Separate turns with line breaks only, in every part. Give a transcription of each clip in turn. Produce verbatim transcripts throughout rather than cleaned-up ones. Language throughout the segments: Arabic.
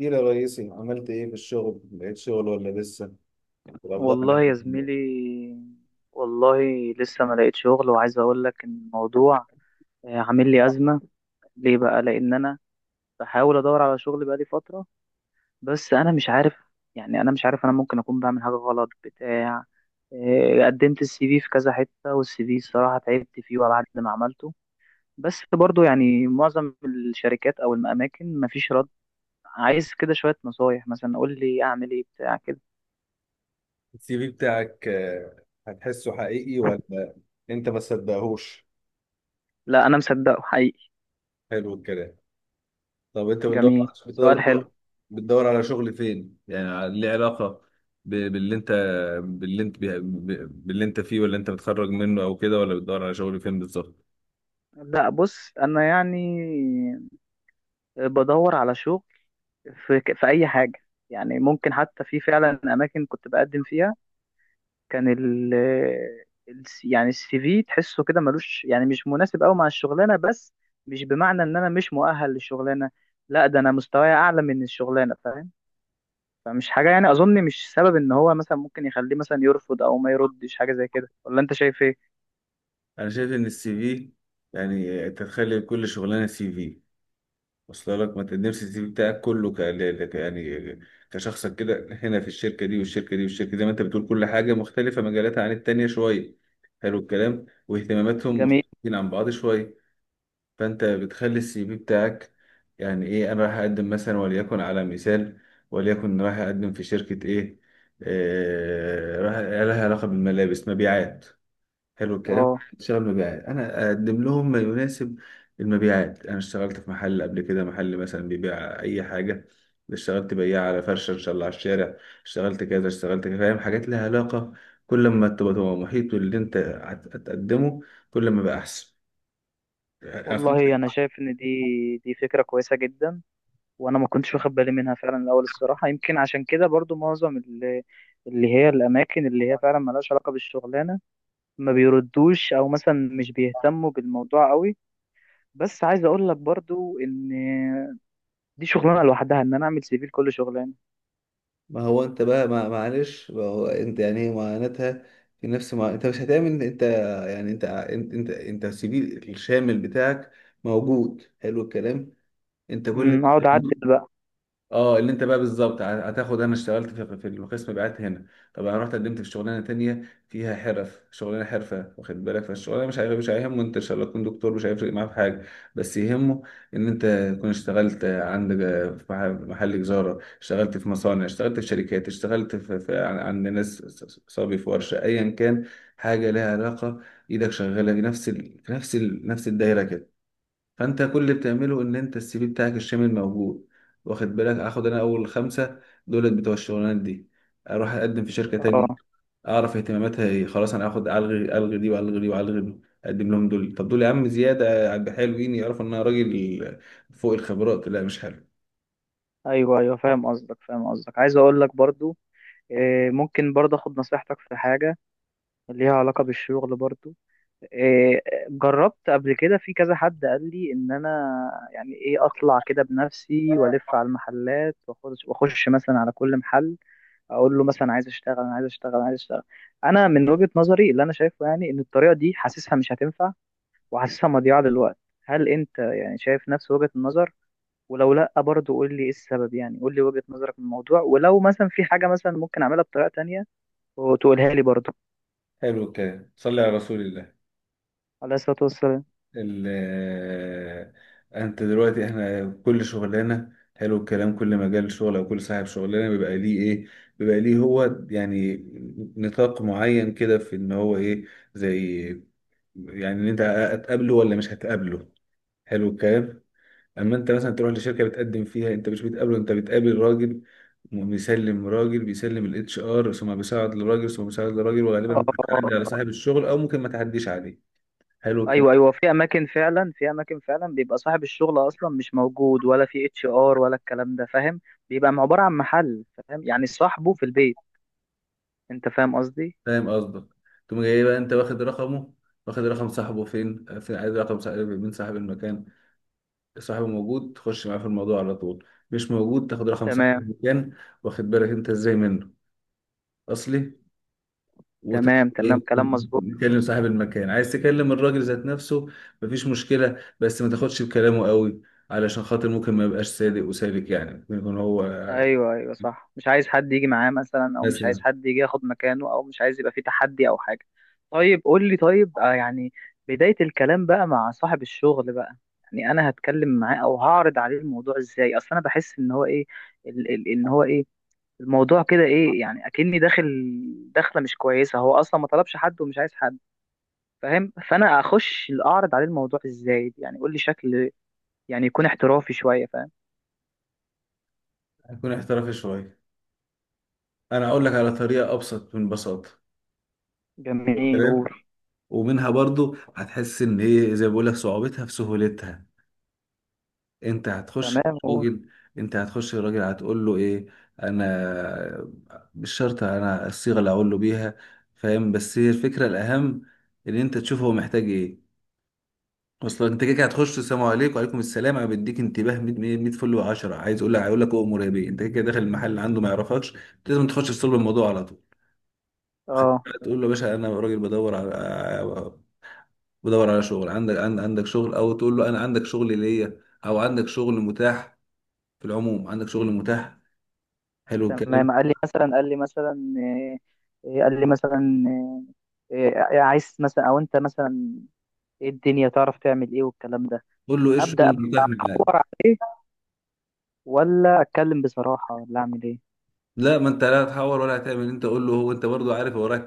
ايه يا ريسي، عملت ايه في الشغل؟ لقيت شغل ولا لسه الاوضاع اللي
والله
احنا
يا
فيها.
زميلي، والله لسه ما لقيت شغل، وعايز اقول لك ان الموضوع آه، عامل لي ازمه. ليه بقى؟ لان انا بحاول ادور على شغل بقالي فتره. بس انا مش عارف، يعني انا مش عارف، انا ممكن اكون بعمل حاجه غلط بتاع. آه، قدمت السي في في كذا حته، والسي في الصراحه تعبت فيه بعد ما عملته، بس برضو يعني معظم الشركات او الاماكن مفيش رد. عايز كده شويه نصايح، مثلا قول لي اعمل ايه بتاع كده.
السي في بتاعك آه، هتحسه حقيقي ولا انت ما تصدقهوش؟
لا، انا مصدقه حقيقي.
حلو الكلام. طب انت بتدور،
جميل، سؤال حلو.
بتدور بتدور على شغل فين؟ يعني على- ليه علاقة ب- باللي انت، باللي انت بي- ب- باللي انت فيه، ولا انت متخرج منه او كده، ولا بتدور على شغل فين بالظبط؟
لا، بص، انا يعني بدور على شغل في في اي حاجه. يعني ممكن حتى في فعلا اماكن كنت بقدم فيها، كان ال ال- يعني السي في تحسه كده ملوش، يعني مش مناسب قوي مع الشغلانه، بس مش بمعنى ان انا مش مؤهل للشغلانه، لا، ده انا مستواي اعلى من الشغلانه، فاهم. فمش حاجه يعني، اظن مش سبب ان هو مثلا ممكن يخليه مثلا يرفض او ما يردش حاجه زي كده. ولا انت شايف ايه؟
انا شايف ان السي في، يعني تتخيل كل شغلانة سي في وصل لك، ما انت نفسي السي في بتاعك كله ك... ل- ك- يعني كشخصك كده هنا في الشركه دي والشركه دي والشركه دي، زي ما انت بتقول كل حاجه مختلفه مجالاتها عن التانيه شويه. حلو الكلام. واهتماماتهم
جميل.
مختلفين عن بعض شويه، فانت بتخلي السي في بتاعك يعني ايه؟ انا رايح اقدم مثلا، وليكن على مثال، وليكن رايح اقدم في شركه ايه؟ آه... رايح لها علاقه بالملابس، مبيعات، حلو الكلام.
اه،
اشتغل مبيعات، انا اقدم لهم ما يناسب المبيعات. انا اشتغلت في محل قبل كده، محل مثلا بيبيع اي حاجه، اشتغلت بياع على فرشه ان شاء الله على الشارع، اشتغلت كذا، اشتغلت كذا، فاهم؟ حاجات لها علاقه. كل ما تبقى تبقى محيط باللي انت هت- هتقدمه، كل ما بقى احسن.
والله
أخدت؟
انا شايف ان دي دي فكره كويسه جدا، وانا ما كنتش واخد بالي منها فعلا الاول الصراحه، يمكن عشان كده برضو معظم اللي, اللي هي الاماكن اللي هي فعلا ملهاش علاقه بالشغلانه ما بيردوش، او مثلا مش بيهتموا بالموضوع قوي. بس عايز اقول لك برضو ان دي شغلانه لوحدها ان انا اعمل سي في لكل شغلانه.
ما هو انت بقى، ما معلش، ما هو انت يعني ايه معاناتها؟ في نفس ما انت مش هتعمل انت، يعني انت انت انت, انت السي في الشامل بتاعك موجود. حلو الكلام. انت كل
امم اقعد اعدل بقى.
اه، اللي انت بقى بالظبط ه- هتاخد، انا اشتغلت في في القسم بعت هنا، طب انا رحت قدمت في شغلانه تانية فيها حرف، شغلانه حرفه، واخد بالك؟ فالشغلانه مش هيغ- مش هيهمه انت ان شاء الله تكون دكتور، مش هيفرق معاه في حاجه. بس يهمه ان انت تكون اشتغلت عندك في مح- محل تجاره، اشتغلت في مصانع، اشتغلت في شركات، اشتغلت في, في عن- عند ناس، ص- صبي في ورشه، ايا كان، حاجه لها علاقه، ايدك شغاله في نفس ال... في نفس ال... نفس الدايره كده. فانت كل اللي بتعمله ان انت السي في بتاعك الشامل موجود، واخد بالك؟ اخد انا اول خمسه دولت بتوع الشغلانات دي، اروح اقدم في شركه تانية،
اه،
اعرف اهتماماتها ايه، خلاص انا اخد، الغي الغي دي والغي دي والغي دي، اقدم لهم دول. طب دول يا عم زياده على حلوين، يعرفوا ان انا راجل فوق الخبرات، لا مش حلو.
ايوه ايوه، فاهم قصدك فاهم قصدك، عايز اقول لك برضو، آه، ممكن برضو اخد نصيحتك في حاجه ليها علاقه بالشغل برضو. إيه، جربت قبل كده في كذا حد قال لي ان انا يعني ايه اطلع كده بنفسي والف على المحلات، واخش واخش مثلا على كل محل، اقول له مثلا: عايز اشتغل، انا عايز اشتغل، أنا عايز اشتغل. انا من وجهة نظري اللي انا شايفه، يعني ان الطريقة دي حاسسها مش هتنفع، وحاسسها مضيعة للوقت. هل انت يعني شايف نفس وجهة النظر؟ ولو لا، برضه قول لي ايه السبب، يعني قول لي وجهة نظرك من الموضوع، ولو مثلا في حاجة مثلا ممكن اعملها بطريقة تانية وتقولها لي برضه.
حلو الكلام. صلي على رسول الله.
عليه الصلاة والسلام.
ال- انت دلوقتي احنا كل شغلانه، حلو الكلام، كل مجال شغل او كل صاحب شغلانه بيبقى ليه ايه، بيبقى ليه هو يعني نطاق معين كده في ان هو ايه، زي يعني ان انت هتقابله ولا مش هتقابله. حلو الكلام. اما انت مثلا تروح لشركه بتقدم فيها، انت مش بتقابله، انت بتقابل راجل بيسلم راجل، بيسلم الاتش ار، ثم بيساعد لراجل، ثم بيساعد لراجل، وغالبا
اه،
ممكن تعدي على صاحب الشغل او ممكن ما تعديش عليه. حلو الكلام.
ايوه ايوه، في اماكن فعلا، في اماكن فعلا بيبقى صاحب الشغل اصلا مش موجود، ولا في اتش ار ولا الكلام ده، فاهم. بيبقى عباره عن محل، فاهم يعني، صاحبه في البيت. انت فاهم قصدي؟
فاهم قصدك. تقوم جاي بقى انت واخد رقمه، واخد رقم صاحبه فين، آه، فين؟ عايز رقم صاحب، مين صاحب المكان. صاحبه موجود، تخش معاه في الموضوع على طول، مش موجود، تاخد رقم صاحب
تمام.
المكان، واخد بالك انت ازاي منه اصلي؟ وتبقى
تمام تمام،
ايه،
كلام مظبوط.
تكلم صاحب المكان، عايز تكلم الراجل ذات نفسه، مفيش مشكلة، بس ما تاخدش بكلامه قوي، علشان خاطر ممكن ما يبقاش صادق وسالك، يعني ممكن يكون هو
ايوه ايوه، صح، مش عايز حد يجي معاه مثلا، او مش عايز
مثلا.
حد يجي ياخد مكانه، او مش عايز يبقى في تحدي او حاجه. طيب قول لي، طيب، آه يعني بدايه الكلام بقى مع صاحب الشغل بقى، يعني انا هتكلم معاه او هعرض عليه الموضوع ازاي؟ اصل انا بحس ان هو ايه، ال- ال- ان هو ايه الموضوع كده ايه، يعني اكني داخل داخله مش كويسه، هو اصلا ما طلبش حد ومش عايز حد، فاهم. فانا اخش اعرض عليه الموضوع ازاي يعني؟ قول لي شكل يعني يكون احترافي شويه، فاهم.
هيكون احترافي شوية. انا هقول لك على طريقة ابسط من بساطة،
جميل، قول.
ومنها برضو هتحس ان ايه، زي ما بقول لك، صعوبتها في سهولتها. انت هتخش
تمام، قول.
للراجل، انت هتخش للراجل هتقول له ايه؟ انا مش شرط انا الصيغه اللي هقول له بيها، فاهم؟ بس هي الفكره الاهم، ان انت تشوف هو محتاج ايه. اصلا انت كده كده هتخش، السلام عليكم، وعليكم السلام، انا بديك انتباه ميه ميه فل و10، عايز اقول لك هيقول لك اؤمر يا بيه، انت كده كده داخل المحل اللي عنده، ما يعرفكش، لازم تخش في صلب الموضوع على طول، واخد
اه،
بالك؟ تقول له يا باشا انا راجل بدور على، بدور على شغل، عندك عند- عندك شغل، او تقول له انا عندك شغل ليا، او عندك شغل متاح، في العموم عندك شغل متاح. حلو الكلام.
تمام. قال لي مثلا قال لي مثلا: إيه إيه، قال لي مثلا: إيه إيه، عايز مثلا، او انت مثلا ايه الدنيا، تعرف تعمل ايه والكلام ده.
قول له ايه الشغل
ابدا، ادور
المتاح معاك.
عليه ولا اتكلم بصراحه ولا اعمل ايه؟
لا، ما انت لا هتحور ولا هتعمل انت، قول له، هو انت برضو عارف هو رايح،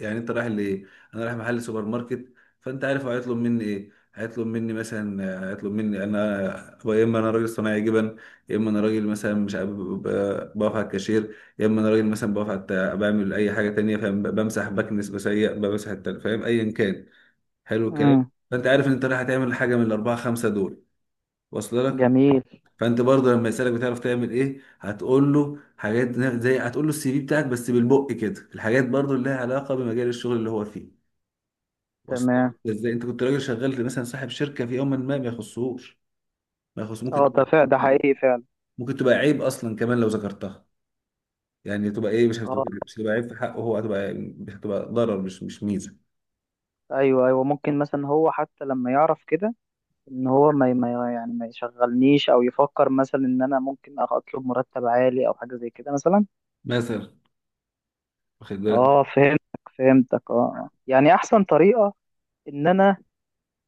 يعني انت رايح لايه؟ انا رايح محل سوبر ماركت، فانت عارف هو هيطلب مني ايه، هيطلب مني مثلا، هيطلب مني انا هو، يا اما انا راجل صناعي جبن، يا اما انا راجل مثلا مش عارف ب- ب- بقف على الكاشير، يا اما انا راجل مثلا بقف على الت- بعمل اي حاجه تانية، فاهم؟ بمسح بكنس بسيق بمسح التل- فاهم، ايا كان. حلو الكلام.
امم
فانت عارف ان انت رايح تعمل حاجه من الاربعه خمسه دول، واصل لك؟
جميل.
فانت برضه لما يسالك بتعرف تعمل ايه، هتقول له حاجات زي، هتقول له السي في بتاعك بس بالبق كده، الحاجات برضه اللي لها علاقه بمجال الشغل اللي هو فيه، واصل
تمام.
لك ازاي؟ انت كنت راجل شغال مثلا صاحب شركه في يوم، ما ما يخصهوش، ما يخص ممكن
اه، ده فعلا،
تبقى-
ده حقيقي فعلا.
ممكن تبقى عيب اصلا كمان لو ذكرتها، يعني تبقى ايه، مش هتبقى
اه،
مش هتبقى عيب في حقه هو، هتبقى، هتبقى ضرر، مش مش ميزه،
ايوه ايوه، ممكن مثلا هو حتى لما يعرف كده ان هو ما ما- يعني ما يشغلنيش، او يفكر مثلا ان انا ممكن أخ- اطلب مرتب عالي او حاجه زي كده مثلا.
مثلا، واخد بالك؟
اه، فهمتك فهمتك، اه. آه. يعني احسن طريقه ان انا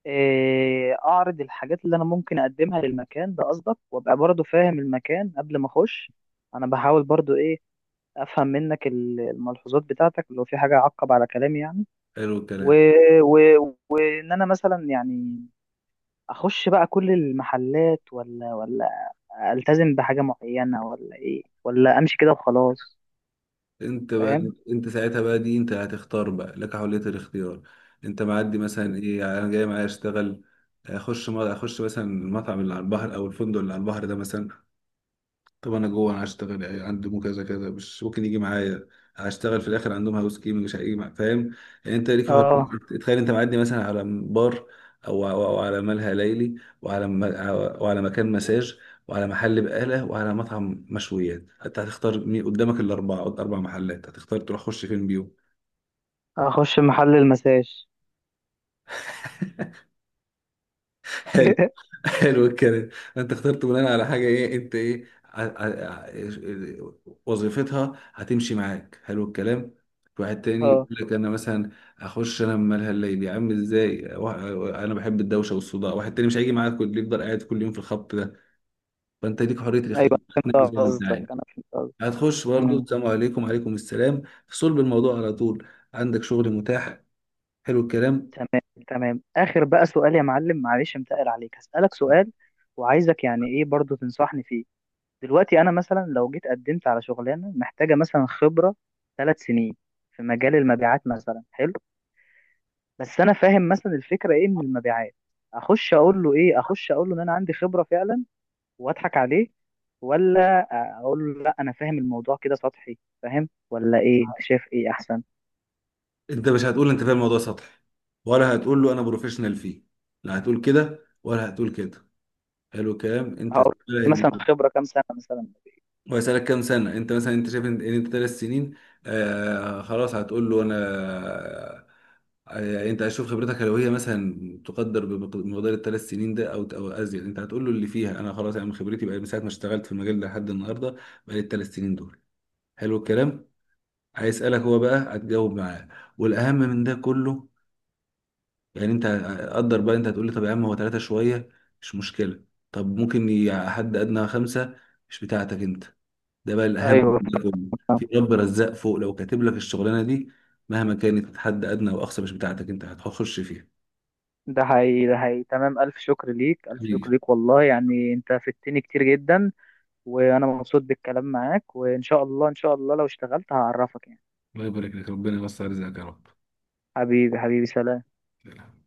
آه، اعرض الحاجات اللي انا ممكن اقدمها للمكان ده، قصدك، وابقى برضو فاهم المكان قبل ما اخش. انا بحاول برضو ايه، افهم منك ال- الملحوظات بتاعتك، لو في حاجه اعقب على كلامي يعني.
حلو
و...
الكلام.
و... ان انا مثلا يعني اخش بقى كل المحلات، ولا ولا التزم بحاجه معينه، ولا ايه، ولا امشي كده وخلاص،
انت بقى،
فاهم.
انت ساعتها بقى دي، انت هتختار بقى، لك حرية الاختيار. انت معدي مثلا ايه يعني انا جاي معايا اشتغل، اخش ما اخش مثلا المطعم اللي على البحر، او الفندق اللي على البحر ده مثلا، طب انا جوه انا هشتغل يعني عندهم كذا كذا، مش ممكن يجي معايا، هشتغل في الاخر عندهم هاوس كيمنج، مش هيجي معايا، فاهم؟ يعني انت ليك
اه،
حر- تخيل، انت معدي مثلا على بار، او او أو على ملهى ليلي، وعلى م- وعلى مكان مساج، وعلى محل بقاله، وعلى مطعم مشويات، انت هتختار مين قدامك الاربعه، قد- اربع محلات هتختار تروح خش فين بيهم؟
اخش محل المساج.
حلو الكلام. انت اخترت بناء على حاجه ايه؟ انت ايه ع- ع- ع- وظيفتها هتمشي معاك، حلو الكلام. في واحد تاني يقول
اه،
لك انا مثلا اخش انا من مالها الليل يا عم، ازاي وا- انا بحب الدوشه والصداع، واحد تاني مش هيجي معاك، كل يفضل قاعد كل يوم في الخط ده، فانت ليك حريه الاختيار،
ايوه، فهمت
تنقي زي ما انت
قصدك
عايز.
انا فهمت قصدك.
هتخش برضه،
امم
السلام عليكم، وعليكم السلام، في صلب الموضوع على طول، عندك شغل متاح، حلو الكلام.
تمام تمام. اخر بقى سؤال يا معلم، معلش انتقل عليك، هسألك سؤال وعايزك يعني ايه برضو تنصحني فيه. دلوقتي انا مثلا لو جيت قدمت على شغلانه محتاجه مثلا خبره ثلاث سنين في مجال المبيعات مثلا، حلو، بس انا فاهم مثلا الفكره ايه من المبيعات، اخش اقول له ايه؟ اخش اقول له ان انا عندي خبره فعلا واضحك عليه، ولا اقول له لا انا فاهم الموضوع كده سطحي، فاهم ولا ايه؟ انت شايف ايه احسن؟
انت مش هتقول انت فاهم الموضوع سطحي، ولا هتقول له انا بروفيشنال فيه، لا هتقول كده ولا هتقول كده. حلو الكلام. انت
هقول له مثلا
تسأله،
خبره كام سنه مثلا.
هو يسألك كام سنة انت مثلا، انت شايف ان ان انت ثلاث سنين، آه خلاص، هتقول له انا، آه، يعني انت هتشوف خبرتك لو هي مثلا تقدر بمقدار الثلاث سنين ده، او او ازيد، انت هتقول له اللي فيها انا، خلاص انا من خبرتي بقى، من ساعة ما اشتغلت في المجال ده لحد النهارده، بقى لي الثلاث سنين دول. حلو الكلام. هيسألك هو بقى هتجاوب معاه، والاهم من ده كله، يعني انت، قدر بقى، انت هتقول لي طب يا عم هو ثلاثة شوية، مش مشكلة، طب ممكن ي- حد أدنى خمسة مش بتاعتك انت، ده بقى الأهم
ايوه،
من ده كله،
فاهم.
في رب رزاق فوق، لو كاتب لك الشغلانة دي مهما كانت حد أدنى وأقصى مش بتاعتك انت هتخش فيها.
ده حقيقي، ده حقيقي. تمام، الف شكر ليك الف شكر
حبيبي،
ليك، والله يعني انت فدتني كتير جدا، وانا مبسوط بالكلام معاك، وان شاء الله ان شاء الله لو اشتغلت هعرفك يعني.
الله يبارك لك، ربنا يوسع رزقك يا
حبيبي حبيبي، سلام.
رب.